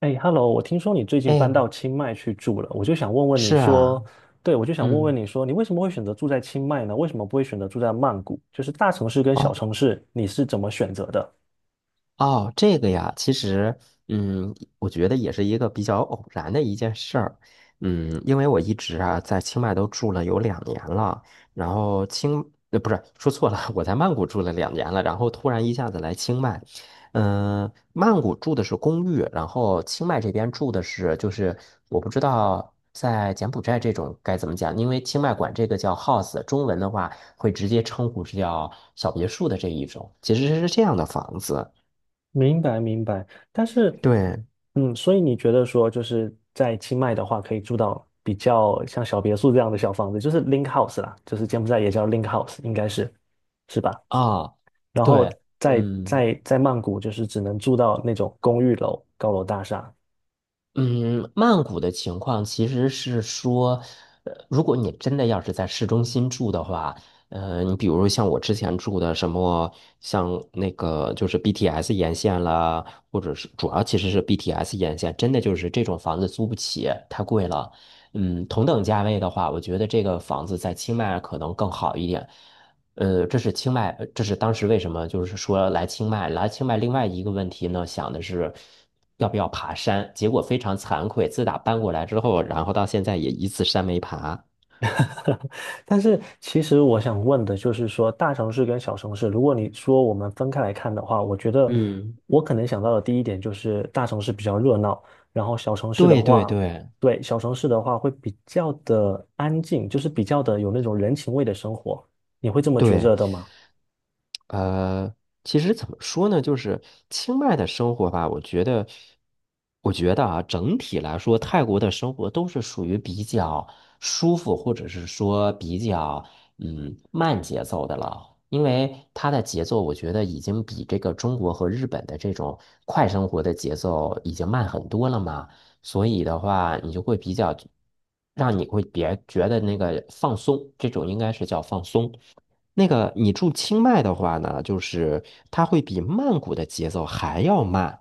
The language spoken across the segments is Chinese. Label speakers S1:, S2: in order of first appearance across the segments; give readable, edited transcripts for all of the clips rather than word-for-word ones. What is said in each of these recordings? S1: 哎，Hello，我听说你最近搬
S2: 哎，
S1: 到清迈去住了，我就想问问你
S2: 是
S1: 说，
S2: 啊，
S1: 对，我就想问问
S2: 嗯，
S1: 你说，你为什么会选择住在清迈呢？为什么不会选择住在曼谷？就是大城市跟小
S2: 哦，
S1: 城市，你是怎么选择的？
S2: 哦，这个呀，其实，我觉得也是一个比较偶然的一件事儿，因为我一直啊在清迈都住了有两年了，然后不是，说错了，我在曼谷住了2年了，然后突然一下子来清迈，曼谷住的是公寓，然后清迈这边住的是，就是我不知道在柬埔寨这种该怎么讲，因为清迈管这个叫 house，中文的话会直接称呼是叫小别墅的这一种，其实是这样的房子。
S1: 明白，明白。但是，
S2: 对，
S1: 嗯，所以你觉得说，就是在清迈的话，可以住到比较像小别墅这样的小房子，就是 link house 啦，就是柬埔寨也叫 link house，应该是，是吧？
S2: 啊，
S1: 然后
S2: 对，
S1: 在
S2: 嗯
S1: 在在曼谷，就是只能住到那种公寓楼、高楼大厦。
S2: 嗯，曼谷的情况其实是说，如果你真的要是在市中心住的话，你比如像我之前住的什么，像那个就是 BTS 沿线啦，或者是主要其实是 BTS 沿线，真的就是这种房子租不起，太贵了。同等价位的话，我觉得这个房子在清迈可能更好一点。这是清迈，这是当时为什么就是说来清迈，来清迈另外一个问题呢，想的是要不要爬山，结果非常惭愧，自打搬过来之后，然后到现在也一次山没爬。
S1: 但是其实我想问的就是说，大城市跟小城市，如果你说我们分开来看的话，我觉得
S2: 嗯，
S1: 我可能想到的第一点就是大城市比较热闹，然后小城市的
S2: 对对
S1: 话，
S2: 对
S1: 对，小城市的话会比较的安静，就是比较的有那种人情味的生活，你会这么觉
S2: 对，
S1: 着的吗？
S2: 呃，其实怎么说呢，就是清迈的生活吧，我觉得啊，整体来说，泰国的生活都是属于比较舒服，或者是说比较慢节奏的了。因为它的节奏，我觉得已经比这个中国和日本的这种快生活的节奏已经慢很多了嘛，所以的话，你就会比较，让你会别觉得那个放松，这种应该是叫放松。那个你住清迈的话呢，就是它会比曼谷的节奏还要慢，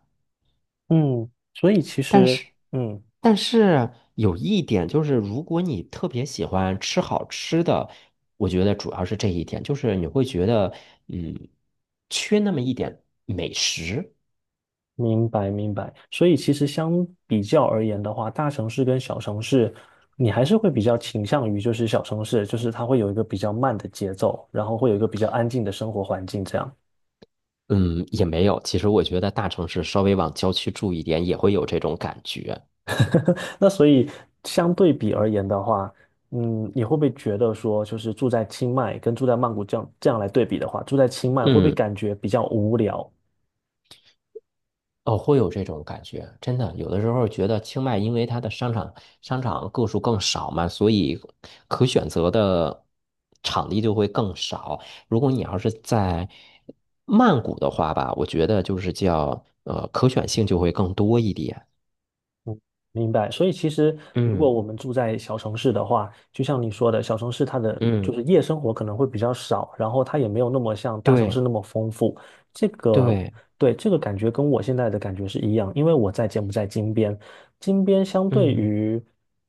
S1: 嗯，所以其
S2: 但
S1: 实，
S2: 是，
S1: 嗯。
S2: 但是有一点就是，如果你特别喜欢吃好吃的，我觉得主要是这一点，就是你会觉得，嗯，缺那么一点美食，
S1: 明白，明白。所以其实相比较而言的话，大城市跟小城市，你还是会比较倾向于就是小城市，就是它会有一个比较慢的节奏，然后会有一个比较安静的生活环境这样。
S2: 嗯，也没有。其实我觉得大城市稍微往郊区住一点，也会有这种感觉。
S1: 那所以相对比而言的话，嗯，你会不会觉得说，就是住在清迈跟住在曼谷这样来对比的话，住在清迈会不会
S2: 嗯。
S1: 感觉比较无聊，
S2: 哦，会有这种感觉，真的，有的时候觉得清迈因为它的商场个数更少嘛，所以可选择的场地就会更少。如果你要是在曼谷的话吧，我觉得就是叫可选性就会更多一点。
S1: 明白，所以其实如
S2: 嗯
S1: 果我们住在小城市的话，就像你说的，小城市它的就
S2: 嗯，
S1: 是夜生活可能会比较少，然后它也没有那么像大城市
S2: 对
S1: 那么丰富。这个，
S2: 对，
S1: 对，这个感觉跟我现在的感觉是一样，因为我在柬埔寨金边，金边相对
S2: 嗯
S1: 于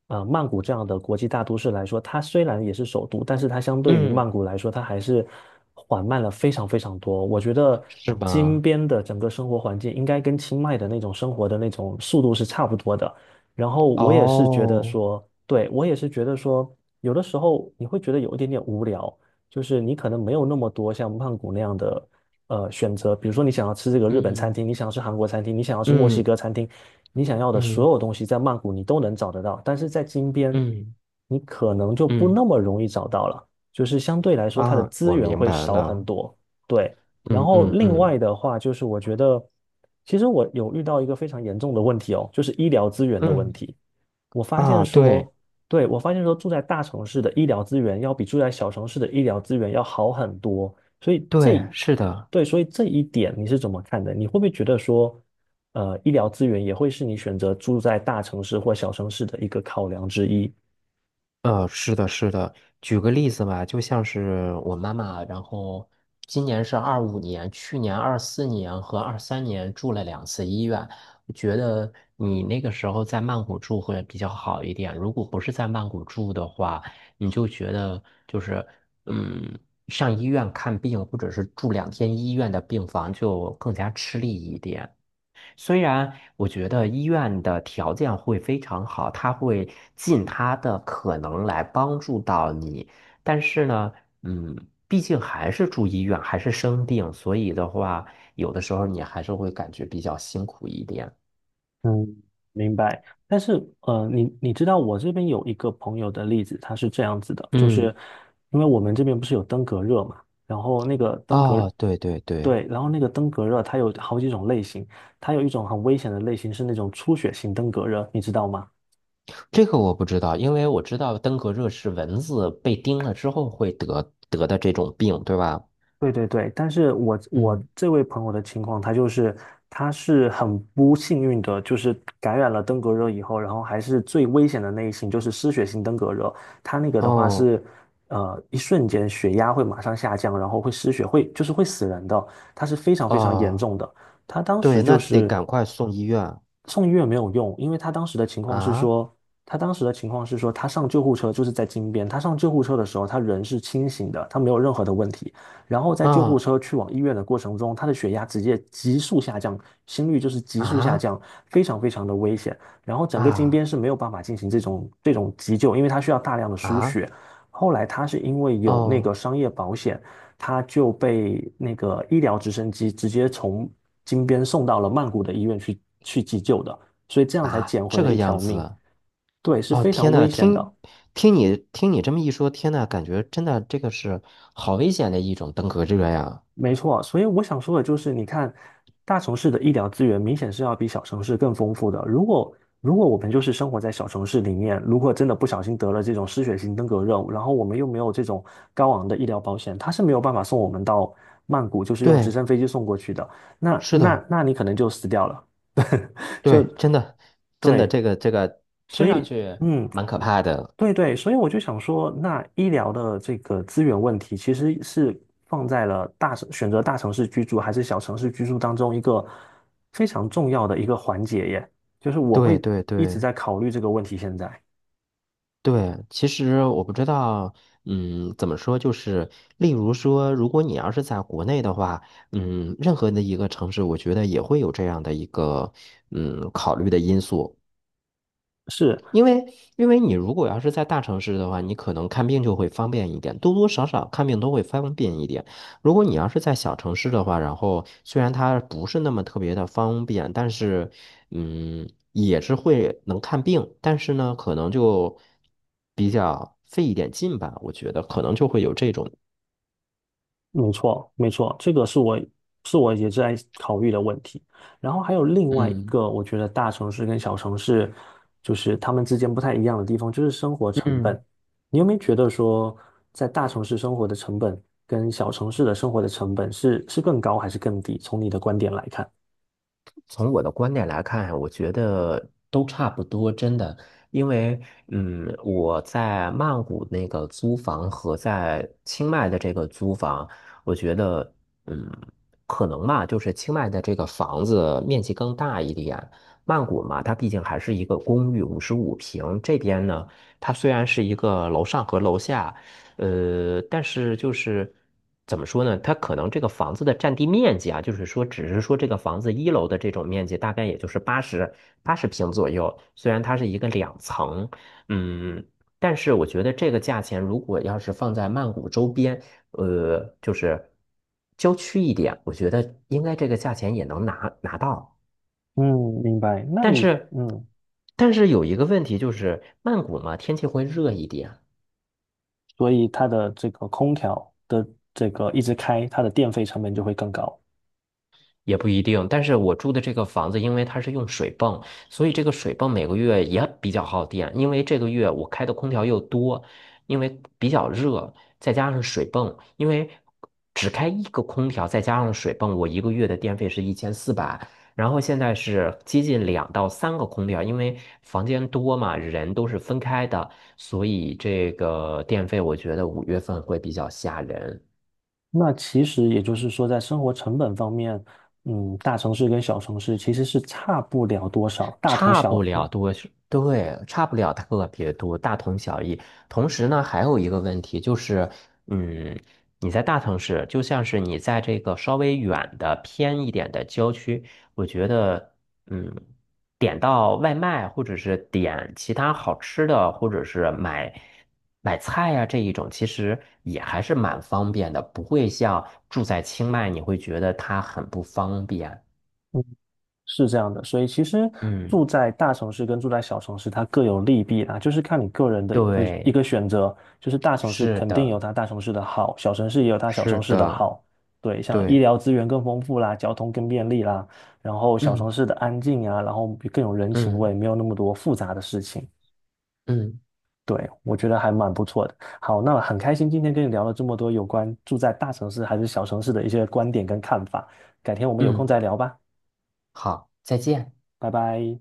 S1: 曼谷这样的国际大都市来说，它虽然也是首都，但是它相对于
S2: 嗯，
S1: 曼谷来说，它还是缓慢了非常非常多。我觉得
S2: 是
S1: 金
S2: 吧？
S1: 边的整个生活环境应该跟清迈的那种生活的那种速度是差不多的。然后我也是觉得
S2: 哦，
S1: 说，对，我也是觉得说，有的时候你会觉得有一点点无聊，就是你可能没有那么多像曼谷那样的选择，比如说你想要吃这个日本餐
S2: 嗯
S1: 厅，你想要吃韩国餐厅，你想要吃墨西
S2: 嗯
S1: 哥餐厅，你想要的
S2: 嗯
S1: 所有东西在曼谷你都能找得到，但是在金边
S2: 嗯
S1: 你可能就不
S2: 嗯
S1: 那么容易找到了，就是相对来说它的
S2: 啊，
S1: 资
S2: 我
S1: 源
S2: 明
S1: 会
S2: 白
S1: 少很
S2: 了，
S1: 多，对。然
S2: 嗯
S1: 后
S2: 嗯
S1: 另
S2: 嗯。
S1: 外的话，就是我觉得，其实我有遇到一个非常严重的问题哦，就是医疗资源的问
S2: 嗯
S1: 题。我发现
S2: 啊，对
S1: 说，对，我发现说，住在大城市的医疗资源要比住在小城市的医疗资源要好很多。所以这，
S2: 对，是的，
S1: 对，所以这一点你是怎么看的？你会不会觉得说，呃，医疗资源也会是你选择住在大城市或小城市的一个考量之一？
S2: 是的，是的。举个例子吧，就像是我妈妈，然后今年是25年，去年24年和23年住了2次医院。我觉得你那个时候在曼谷住会比较好一点，如果不是在曼谷住的话，你就觉得就是嗯，上医院看病或者是住2天医院的病房就更加吃力一点。虽然我觉得医院的条件会非常好，他会尽他的可能来帮助到你，但是呢，嗯，毕竟还是住医院，还是生病，所以的话，有的时候你还是会感觉比较辛苦一点。
S1: 嗯，明白。但是，呃，你知道我这边有一个朋友的例子，他是这样子的，就是
S2: 嗯，
S1: 因为我们这边不是有登革热嘛，然后那个登革，
S2: 哦，对对对，
S1: 对，然后那个登革热它有好几种类型，它有一种很危险的类型是那种出血性登革热，你知道吗？
S2: 这个我不知道，因为我知道登革热是蚊子被叮了之后会得得的这种病，对吧？
S1: 对对对，但是我
S2: 嗯，
S1: 这位朋友的情况，他就是他是很不幸运的，就是感染了登革热以后，然后还是最危险的那一型，就是失血性登革热。他那个的话
S2: 哦，
S1: 是，呃，一瞬间血压会马上下降，然后会失血，会就是会死人的，他是非常非常严
S2: 哦，
S1: 重的。他当时
S2: 对，那
S1: 就
S2: 得
S1: 是。
S2: 赶快送医院
S1: 送医院没有用，因为他当时的情况是
S2: 啊
S1: 说，他当时的情况是说，他上救护车就是在金边，他上救护车的时候，他人是清醒的，他没有任何的问题。然后在救护
S2: 啊！
S1: 车去往医院的过程中，他的血压直接急速下降，心率就是急速下
S2: 啊
S1: 降，非常非常的危险。然后整个金边
S2: 啊
S1: 是没有办法进行这种急救，因为他需要大量的输
S2: 啊！
S1: 血。后来他是因为有那
S2: 哦
S1: 个商业保险，他就被那个医疗直升机直接从金边送到了曼谷的医院去急救的，所以这样才
S2: 啊，
S1: 捡回
S2: 这
S1: 了
S2: 个
S1: 一条
S2: 样
S1: 命。
S2: 子
S1: 对，是
S2: 哦！
S1: 非常
S2: 天
S1: 危
S2: 呐，
S1: 险的。
S2: 听你这么一说，天呐，感觉真的这个是好危险的一种登革热呀！
S1: 没错，所以我想说的就是，你看，大城市的医疗资源明显是要比小城市更丰富的。如果我们就是生活在小城市里面，如果真的不小心得了这种失血性登革热，然后我们又没有这种高昂的医疗保险，他是没有办法送我们到曼谷，就是用直
S2: 对，
S1: 升飞机送过去的。那
S2: 是
S1: 那
S2: 的，
S1: 那你可能就死掉了，就
S2: 对，真的真的，
S1: 对，
S2: 这个
S1: 所
S2: 听上
S1: 以
S2: 去
S1: 嗯。
S2: 蛮可怕的。
S1: 对对，所以我就想说，那医疗的这个资源问题，其实是放在了大城，选择大城市居住还是小城市居住当中一个非常重要的一个环节耶。就是我
S2: 对
S1: 会
S2: 对
S1: 一直
S2: 对。
S1: 在考虑这个问题。现在
S2: 对，其实我不知道，怎么说，就是例如说，如果你要是在国内的话，任何的一个城市，我觉得也会有这样的一个，考虑的因素。
S1: 是，
S2: 因为因为你如果要是在大城市的话，你可能看病就会方便一点，多多少少看病都会方便一点。如果你要是在小城市的话，然后虽然它不是那么特别的方便，但是也是会能看病，但是呢，可能就比较费一点劲吧，我觉得可能就会有这种。
S1: 没错，没错，这个是我是我也在考虑的问题。然后还有另外一
S2: 嗯
S1: 个，我觉得大城市跟小城市，就是他们之间不太一样的地方，就是生活成本。
S2: 嗯。
S1: 你有没有觉得说，在大城市生活的成本跟小城市的生活的成本是更高还是更低？从你的观点来看。
S2: 从我的观点来看，我觉得都差不多，真的。因为，我在曼谷那个租房和在清迈的这个租房，我觉得，嗯，可能嘛，就是清迈的这个房子面积更大一点。曼谷嘛，它毕竟还是一个公寓，55平。这边呢，它虽然是一个楼上和楼下。但是就是怎么说呢？它可能这个房子的占地面积啊，就是说，只是说这个房子一楼的这种面积大概也就是80平左右。虽然它是一个两层，嗯，但是我觉得这个价钱如果要是放在曼谷周边，就是郊区一点，我觉得应该这个价钱也能拿到。
S1: 嗯，明白。那
S2: 但
S1: 你
S2: 是，
S1: 嗯，
S2: 但是有一个问题就是，曼谷嘛，天气会热一点。
S1: 所以它的这个空调的这个一直开，它的电费成本就会更高。
S2: 也不一定，但是我住的这个房子，因为它是用水泵，所以这个水泵每个月也比较耗电。因为这个月我开的空调又多，因为比较热，再加上水泵，因为只开一个空调，再加上水泵，我一个月的电费是1400。然后现在是接近2到3个空调，因为房间多嘛，人都是分开的，所以这个电费我觉得5月份会比较吓人。
S1: 那其实也就是说，在生活成本方面，嗯，大城市跟小城市其实是差不了多少，大同
S2: 差
S1: 小
S2: 不
S1: 异，
S2: 了多是，对，差不了特别多，大同小异。同时呢，还有一个问题就是，嗯，你在大城市，就像是你在这个稍微远的偏一点的郊区，我觉得，嗯，点到外卖或者是点其他好吃的，或者是买菜呀、这一种，其实也还是蛮方便的，不会像住在清迈，你会觉得它很不方便。
S1: 嗯，是这样的。所以其实
S2: 嗯，
S1: 住在大城市跟住在小城市，它各有利弊啦，就是看你个人的一个一
S2: 对，
S1: 个选择。就是大城市
S2: 是
S1: 肯定
S2: 的。
S1: 有它大城市的好，小城市也有它小
S2: 是
S1: 城市的
S2: 的，
S1: 好。对，像医
S2: 对，
S1: 疗资源更丰富啦，交通更便利啦，然后小城
S2: 嗯
S1: 市的安静啊，然后更有人情
S2: 嗯
S1: 味，没有那么多复杂的事情。
S2: 嗯
S1: 对，我觉得还蛮不错的。好，那很开心今天跟你聊了这么多有关住在大城市还是小城市的一些观点跟看法。改天我们有空
S2: 嗯，
S1: 再聊吧，
S2: 好，再见。
S1: 拜拜。